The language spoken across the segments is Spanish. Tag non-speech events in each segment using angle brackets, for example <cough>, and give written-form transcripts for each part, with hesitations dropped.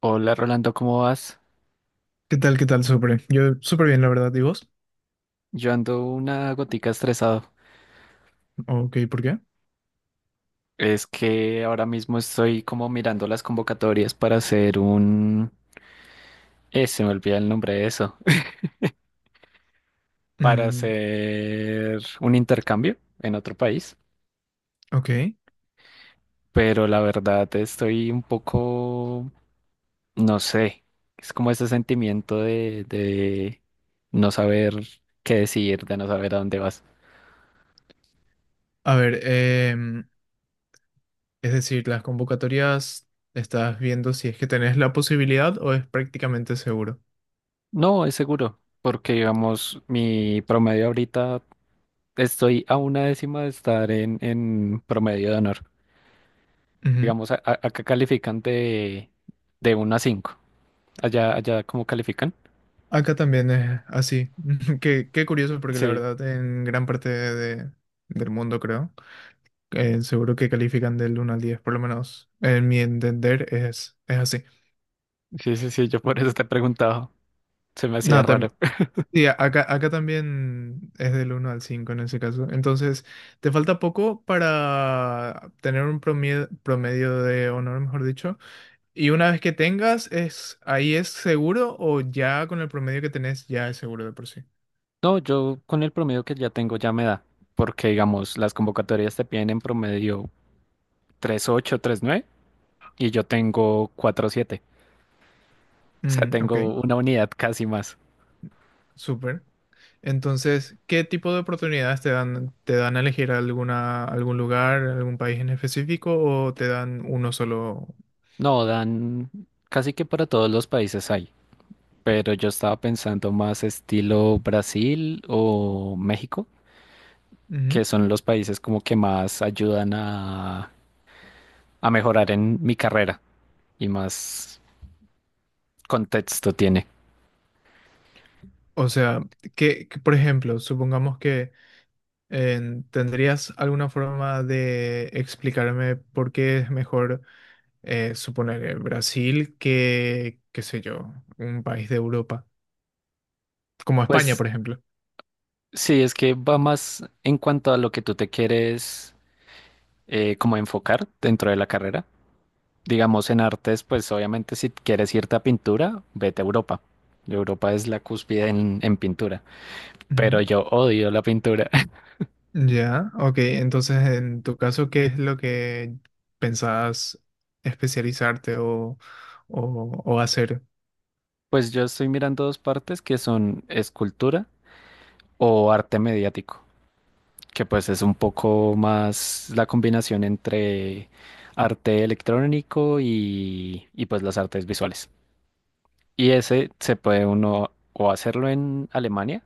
Hola Rolando, ¿cómo vas? ¿Qué tal? ¿Qué tal? Súper. Yo súper bien, la verdad. ¿Y vos? Yo ando una gotica estresado. Ok, ¿por qué? Es que ahora mismo estoy como mirando las convocatorias para hacer un. Se me olvida el nombre de eso. <laughs> Para Mm, hacer un intercambio en otro país. ok. Pero la verdad estoy un poco. No sé. Es como ese sentimiento de no saber qué decidir, de no saber a dónde vas. A ver, es decir, las convocatorias estás viendo si es que tenés la posibilidad o es prácticamente seguro. No, es seguro. Porque digamos, mi promedio ahorita. Estoy a una décima de estar en promedio de honor. Ujú. Digamos, acá califican de 1 a 5. Allá, ¿cómo califican? Acá también es así. <laughs> Qué curioso, porque la Sí, verdad en gran parte de- del mundo, creo, seguro que califican del 1 al 10, por lo menos en mi entender es así. sí, sí, sí, yo por eso te he preguntado. Se me hacía Nada, raro. <laughs> sí, acá también es del 1 al 5 en ese caso. Entonces, te falta poco para tener un promedio, promedio de honor, mejor dicho. Y una vez que tengas, ¿ahí es seguro o ya con el promedio que tenés ya es seguro de por sí? No, yo con el promedio que ya tengo ya me da, porque digamos, las convocatorias te piden en promedio 3.8, nueve y yo tengo 4.7, o sea, Mm, ok, tengo una unidad casi más. súper. Entonces, ¿qué tipo de oportunidades te dan? ¿Te dan a elegir alguna, algún lugar, algún país en específico o te dan uno solo? No, dan casi que para todos los países hay. Pero yo estaba pensando más estilo Brasil o México, Ujú. que son los países como que más ayudan a mejorar en mi carrera y más contexto tiene. O sea, que, por ejemplo, supongamos ¿tendrías alguna forma de explicarme por qué es mejor suponer Brasil que, qué sé yo, un país de Europa, como España, Pues por ejemplo? sí, es que va más en cuanto a lo que tú te quieres como enfocar dentro de la carrera. Digamos en artes, pues obviamente si quieres irte a pintura, vete a Europa. Europa es la cúspide en pintura, Ujú. pero yo odio la pintura. Ya, ok. Entonces, en tu caso, ¿qué es lo que pensabas especializarte o hacer? Pues yo estoy mirando dos partes que son escultura o arte mediático, que pues es un poco más la combinación entre arte electrónico y pues las artes visuales. Y ese se puede uno o hacerlo en Alemania,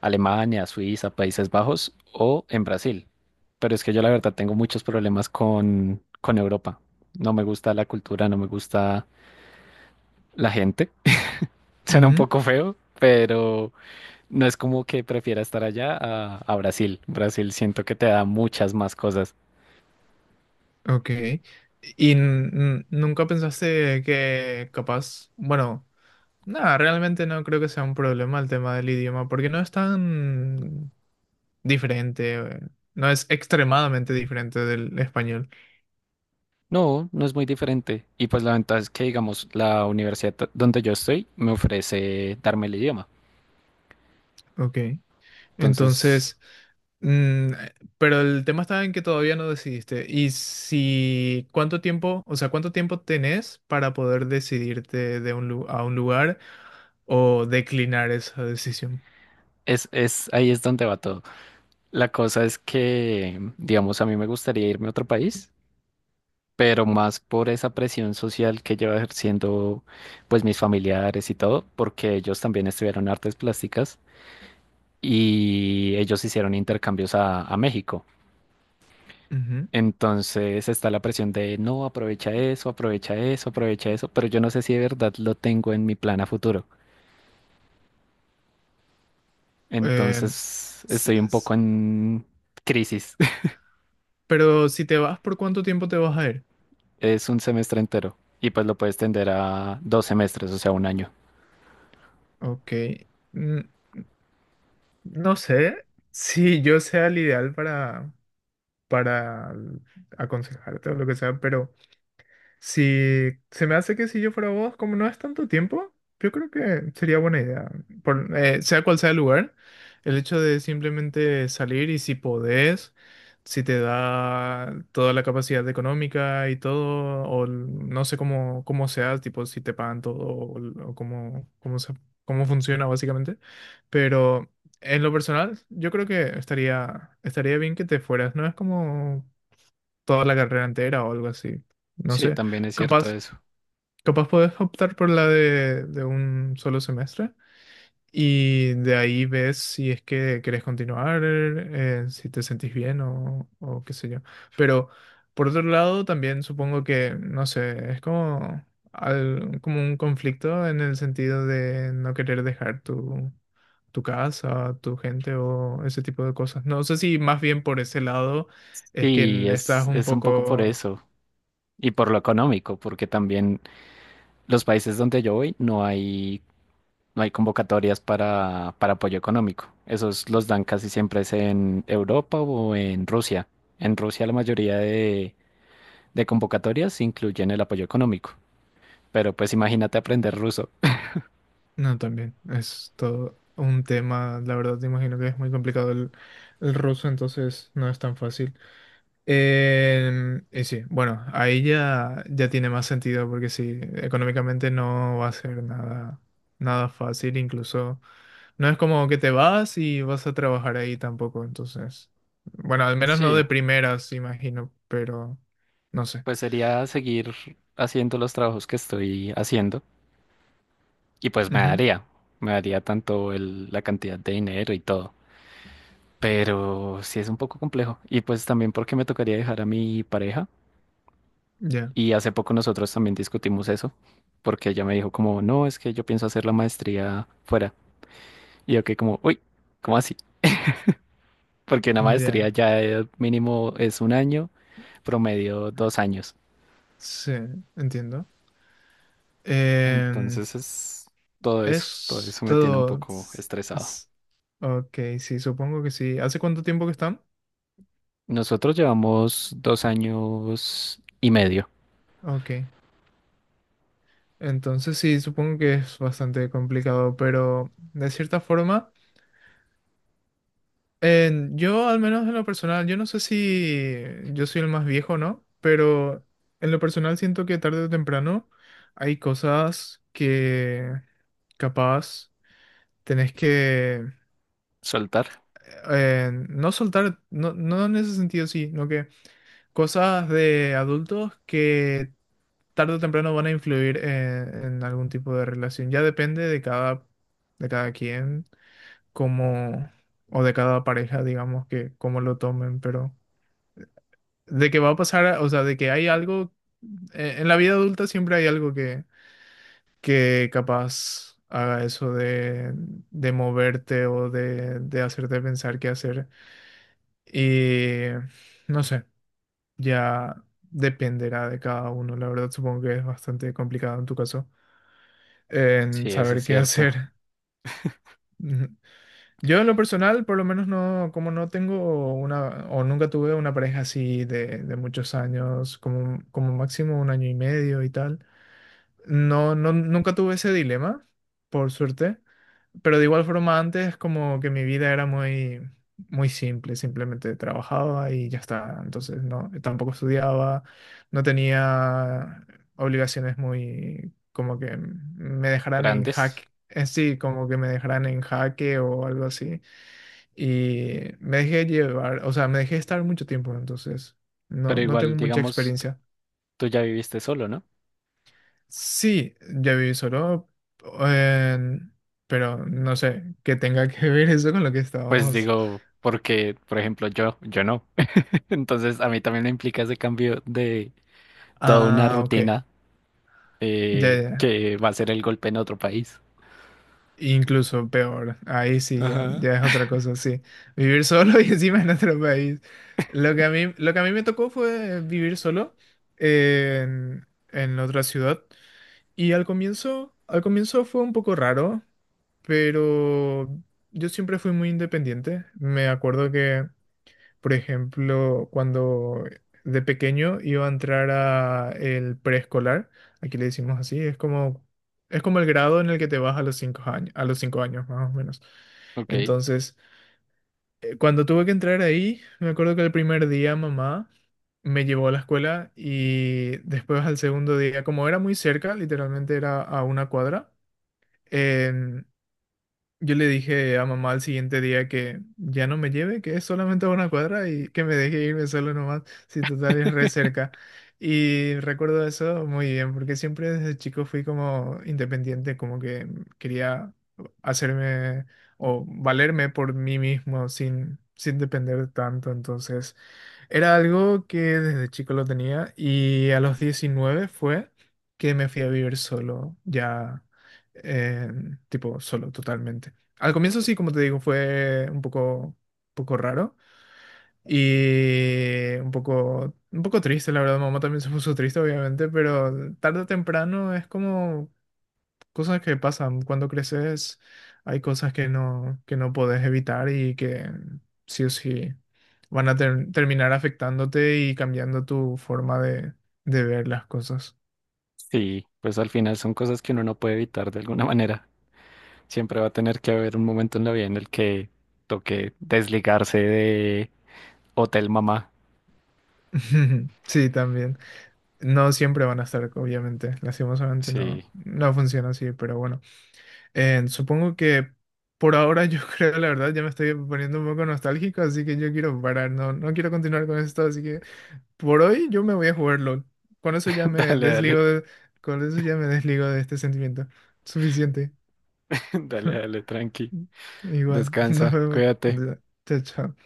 Alemania, Suiza, Países Bajos o en Brasil. Pero es que yo la verdad tengo muchos problemas con Europa. No me gusta la cultura, no me gusta la gente. <laughs> Suena un Ujú. poco feo, pero. No es como que prefiera estar allá a Brasil. Brasil siento que te da muchas más cosas. Ok. ¿Y nunca pensaste que capaz, bueno... No, realmente no creo que sea un problema el tema del idioma, porque no es tan diferente, no es extremadamente diferente del español. No, no es muy diferente. Y pues la ventaja es que, digamos, la universidad donde yo estoy me ofrece darme el idioma. Ok. Entonces, Entonces, mm, pero el tema está en que todavía no decidiste. Y si, ¿cuánto tiempo, o sea, cuánto tiempo tenés para poder decidirte de a un lugar o declinar esa decisión? Ahí es donde va todo. La cosa es que, digamos, a mí me gustaría irme a otro país, pero más por esa presión social que lleva ejerciendo, pues, mis familiares y todo, porque ellos también estudiaron artes plásticas y ellos hicieron intercambios a México. Ujú. Entonces está la presión de no, aprovecha eso, aprovecha eso, aprovecha eso, pero yo no sé si de verdad lo tengo en mi plan a futuro. Em, Entonces s- estoy un s- poco en crisis. <laughs> pero si te vas, ¿por cuánto tiempo te vas a ir? Es un semestre entero y pues lo puedes tender a 2 semestres, o sea, un año. Ok. mm, No sé si yo sea el ideal para, para aconsejarte o lo que sea, pero... Si se me hace que si yo fuera vos, como no es tanto tiempo, yo creo que sería buena idea. Por, sea cual sea el lugar, el hecho de simplemente salir y si podés, si te da toda la capacidad económica y todo, no sé cómo, cómo, sea, tipo si te pagan todo o, l- o cómo... cómo, se- cómo funciona básicamente. Pero en lo personal, yo creo que estaría, estaría bien que te fueras. No es como toda la carrera entera o algo así. No Sí, sé, también es cierto capaz, eso. capaz puedes optar por la de un solo semestre y de ahí ves si es que querés continuar, si te sentís bien o qué sé yo. Pero por otro lado, también supongo que, no sé, es como, al- como un conflicto en el sentido de no querer dejar tu... tu casa, tu gente o ese tipo de cosas. No sé si más bien por ese lado es Sí, que es, estás un es un poco por poco eso y por lo económico, porque también los países donde yo voy no hay convocatorias para apoyo económico. Esos los dan casi siempre es en Europa o en Rusia. En Rusia la mayoría de convocatorias incluyen el apoyo económico. Pero pues imagínate aprender ruso. No, también. Es todo un tema, la verdad, te imagino que es muy complicado el ruso, entonces no es tan fácil. Em, y sí, bueno, ahí ya, ya tiene más sentido, porque sí, económicamente no va a ser nada, nada fácil, incluso no es como que te vas y vas a trabajar ahí tampoco, entonces, bueno, al menos no de Sí, primeras, imagino, pero no sé. pues sería seguir haciendo los trabajos que estoy haciendo y pues me Ujú, daría, me daría tanto el, la cantidad de dinero y todo. Pero sí es un poco complejo. Y pues también porque me tocaría dejar a mi pareja Ya, Y hace poco nosotros también discutimos eso, porque ella me dijo como, no, es que yo pienso hacer la maestría fuera. Y yo que como, uy, ¿cómo así? Porque una maestría ya, ya mínimo es un año, promedio 2 años. sí, entiendo. Em, Entonces es todo Es eso me tiene un todo. poco S- estresado. s- Ok, sí, supongo que sí. ¿Hace cuánto tiempo que están? Nosotros llevamos 2 años y medio. Ok. Entonces sí, supongo que es bastante complicado, pero de cierta forma, en- yo al menos en lo personal, yo no sé si yo soy el más viejo, ¿no? Pero en lo personal siento que tarde o temprano hay cosas que capaz tenés que Soltar, no soltar, no, no en ese sentido, sí, no que... Cosas de adultos que tarde o temprano van a influir en algún tipo de relación. Ya depende de cada quien, como, o de cada pareja, digamos, que cómo lo tomen, pero de que va a pasar, o sea, de que hay algo, en la vida adulta siempre hay algo que capaz haga eso de moverte o de hacerte pensar qué hacer. Y no sé. Ya dependerá de cada uno. La verdad, supongo que es bastante complicado en tu caso en sí, eso es saber qué cierto. hacer. <laughs> Ujú. Yo en lo personal, por lo menos no, como no tengo una, o nunca tuve una pareja así de muchos años, como, como máximo 1 año y medio y tal, no, no, nunca tuve ese dilema, por suerte. Pero de igual forma antes como que mi vida era muy, muy simple, simplemente trabajaba y ya está. Entonces no, tampoco estudiaba, no tenía obligaciones muy como que me dejaran en jaque, Grandes, en sí, como que me dejaran en jaque o algo así. Y me dejé llevar, o sea, me dejé estar mucho tiempo, entonces no, pero no igual, tengo mucha digamos, tú experiencia. tú ya viviste solo, ¿no? Sí, ya viví solo, en- pero no sé, qué tenga que ver eso con lo que Pues estábamos. digo, porque, por ejemplo, yo no. Entonces, a mí también me implica ese cambio de toda una Ah, ok. rutina Ya, ya. Ya. que va a ser el golpe en otro país. Incluso peor. Ahí sí, ya, Ajá. ya es otra cosa, sí. Vivir solo <laughs> y encima en otro país. Lo que a mí, lo que a mí me tocó fue vivir solo en otra ciudad. Y al comienzo fue un poco raro, pero yo siempre fui muy independiente. Me acuerdo que Por ejemplo, cuando de pequeño iba a entrar a el preescolar, aquí le decimos así, es como el grado en el que te vas a los 5 años, a los 5 años más o menos. Ok. Entonces, cuando tuve que entrar ahí, me acuerdo que el primer día mamá me llevó a la escuela y después al segundo día, como era muy cerca, literalmente era a una cuadra, em, yo le dije a mamá al siguiente día que ya no me lleve, que es solamente a una cuadra y que me deje irme solo nomás, si total es re <laughs> cerca. Y recuerdo eso muy bien, porque siempre desde chico fui como independiente, como que quería hacerme o valerme por mí mismo sin, sin depender tanto. Entonces era algo que desde chico lo tenía y a los 19 fue que me fui a vivir solo, ya eh, tipo solo totalmente. Al comienzo sí, como te digo, fue un poco raro y un poco triste, la verdad. Mamá también se puso triste, obviamente, pero tarde o temprano es como cosas que pasan. Cuando creces hay cosas que no podés evitar y que sí o sí van a ter- terminar afectándote y cambiando tu forma de ver las cosas. Sí, pues al final son cosas que uno no puede evitar de alguna manera. Siempre va a tener que haber un momento en la vida en el que toque desligarse de Hotel Mamá. <laughs> Sí, también. No siempre van a estar, obviamente. Lastimosamente Sí, no, no funciona así, pero bueno. Supongo que por ahora yo <laughs> creo, la verdad, ya me estoy poniendo un poco nostálgico, así que yo quiero parar, no, no quiero continuar con esto, así que por hoy yo me voy a jugar LOL. Con eso ya <laughs> me dale, dale, desligo de, con eso ya me desligo de este sentimiento. Suficiente. <laughs> dale, <laughs> dale, tranqui. Igual, <laughs> nos Descansa, vemos. cuídate. Chao, chao.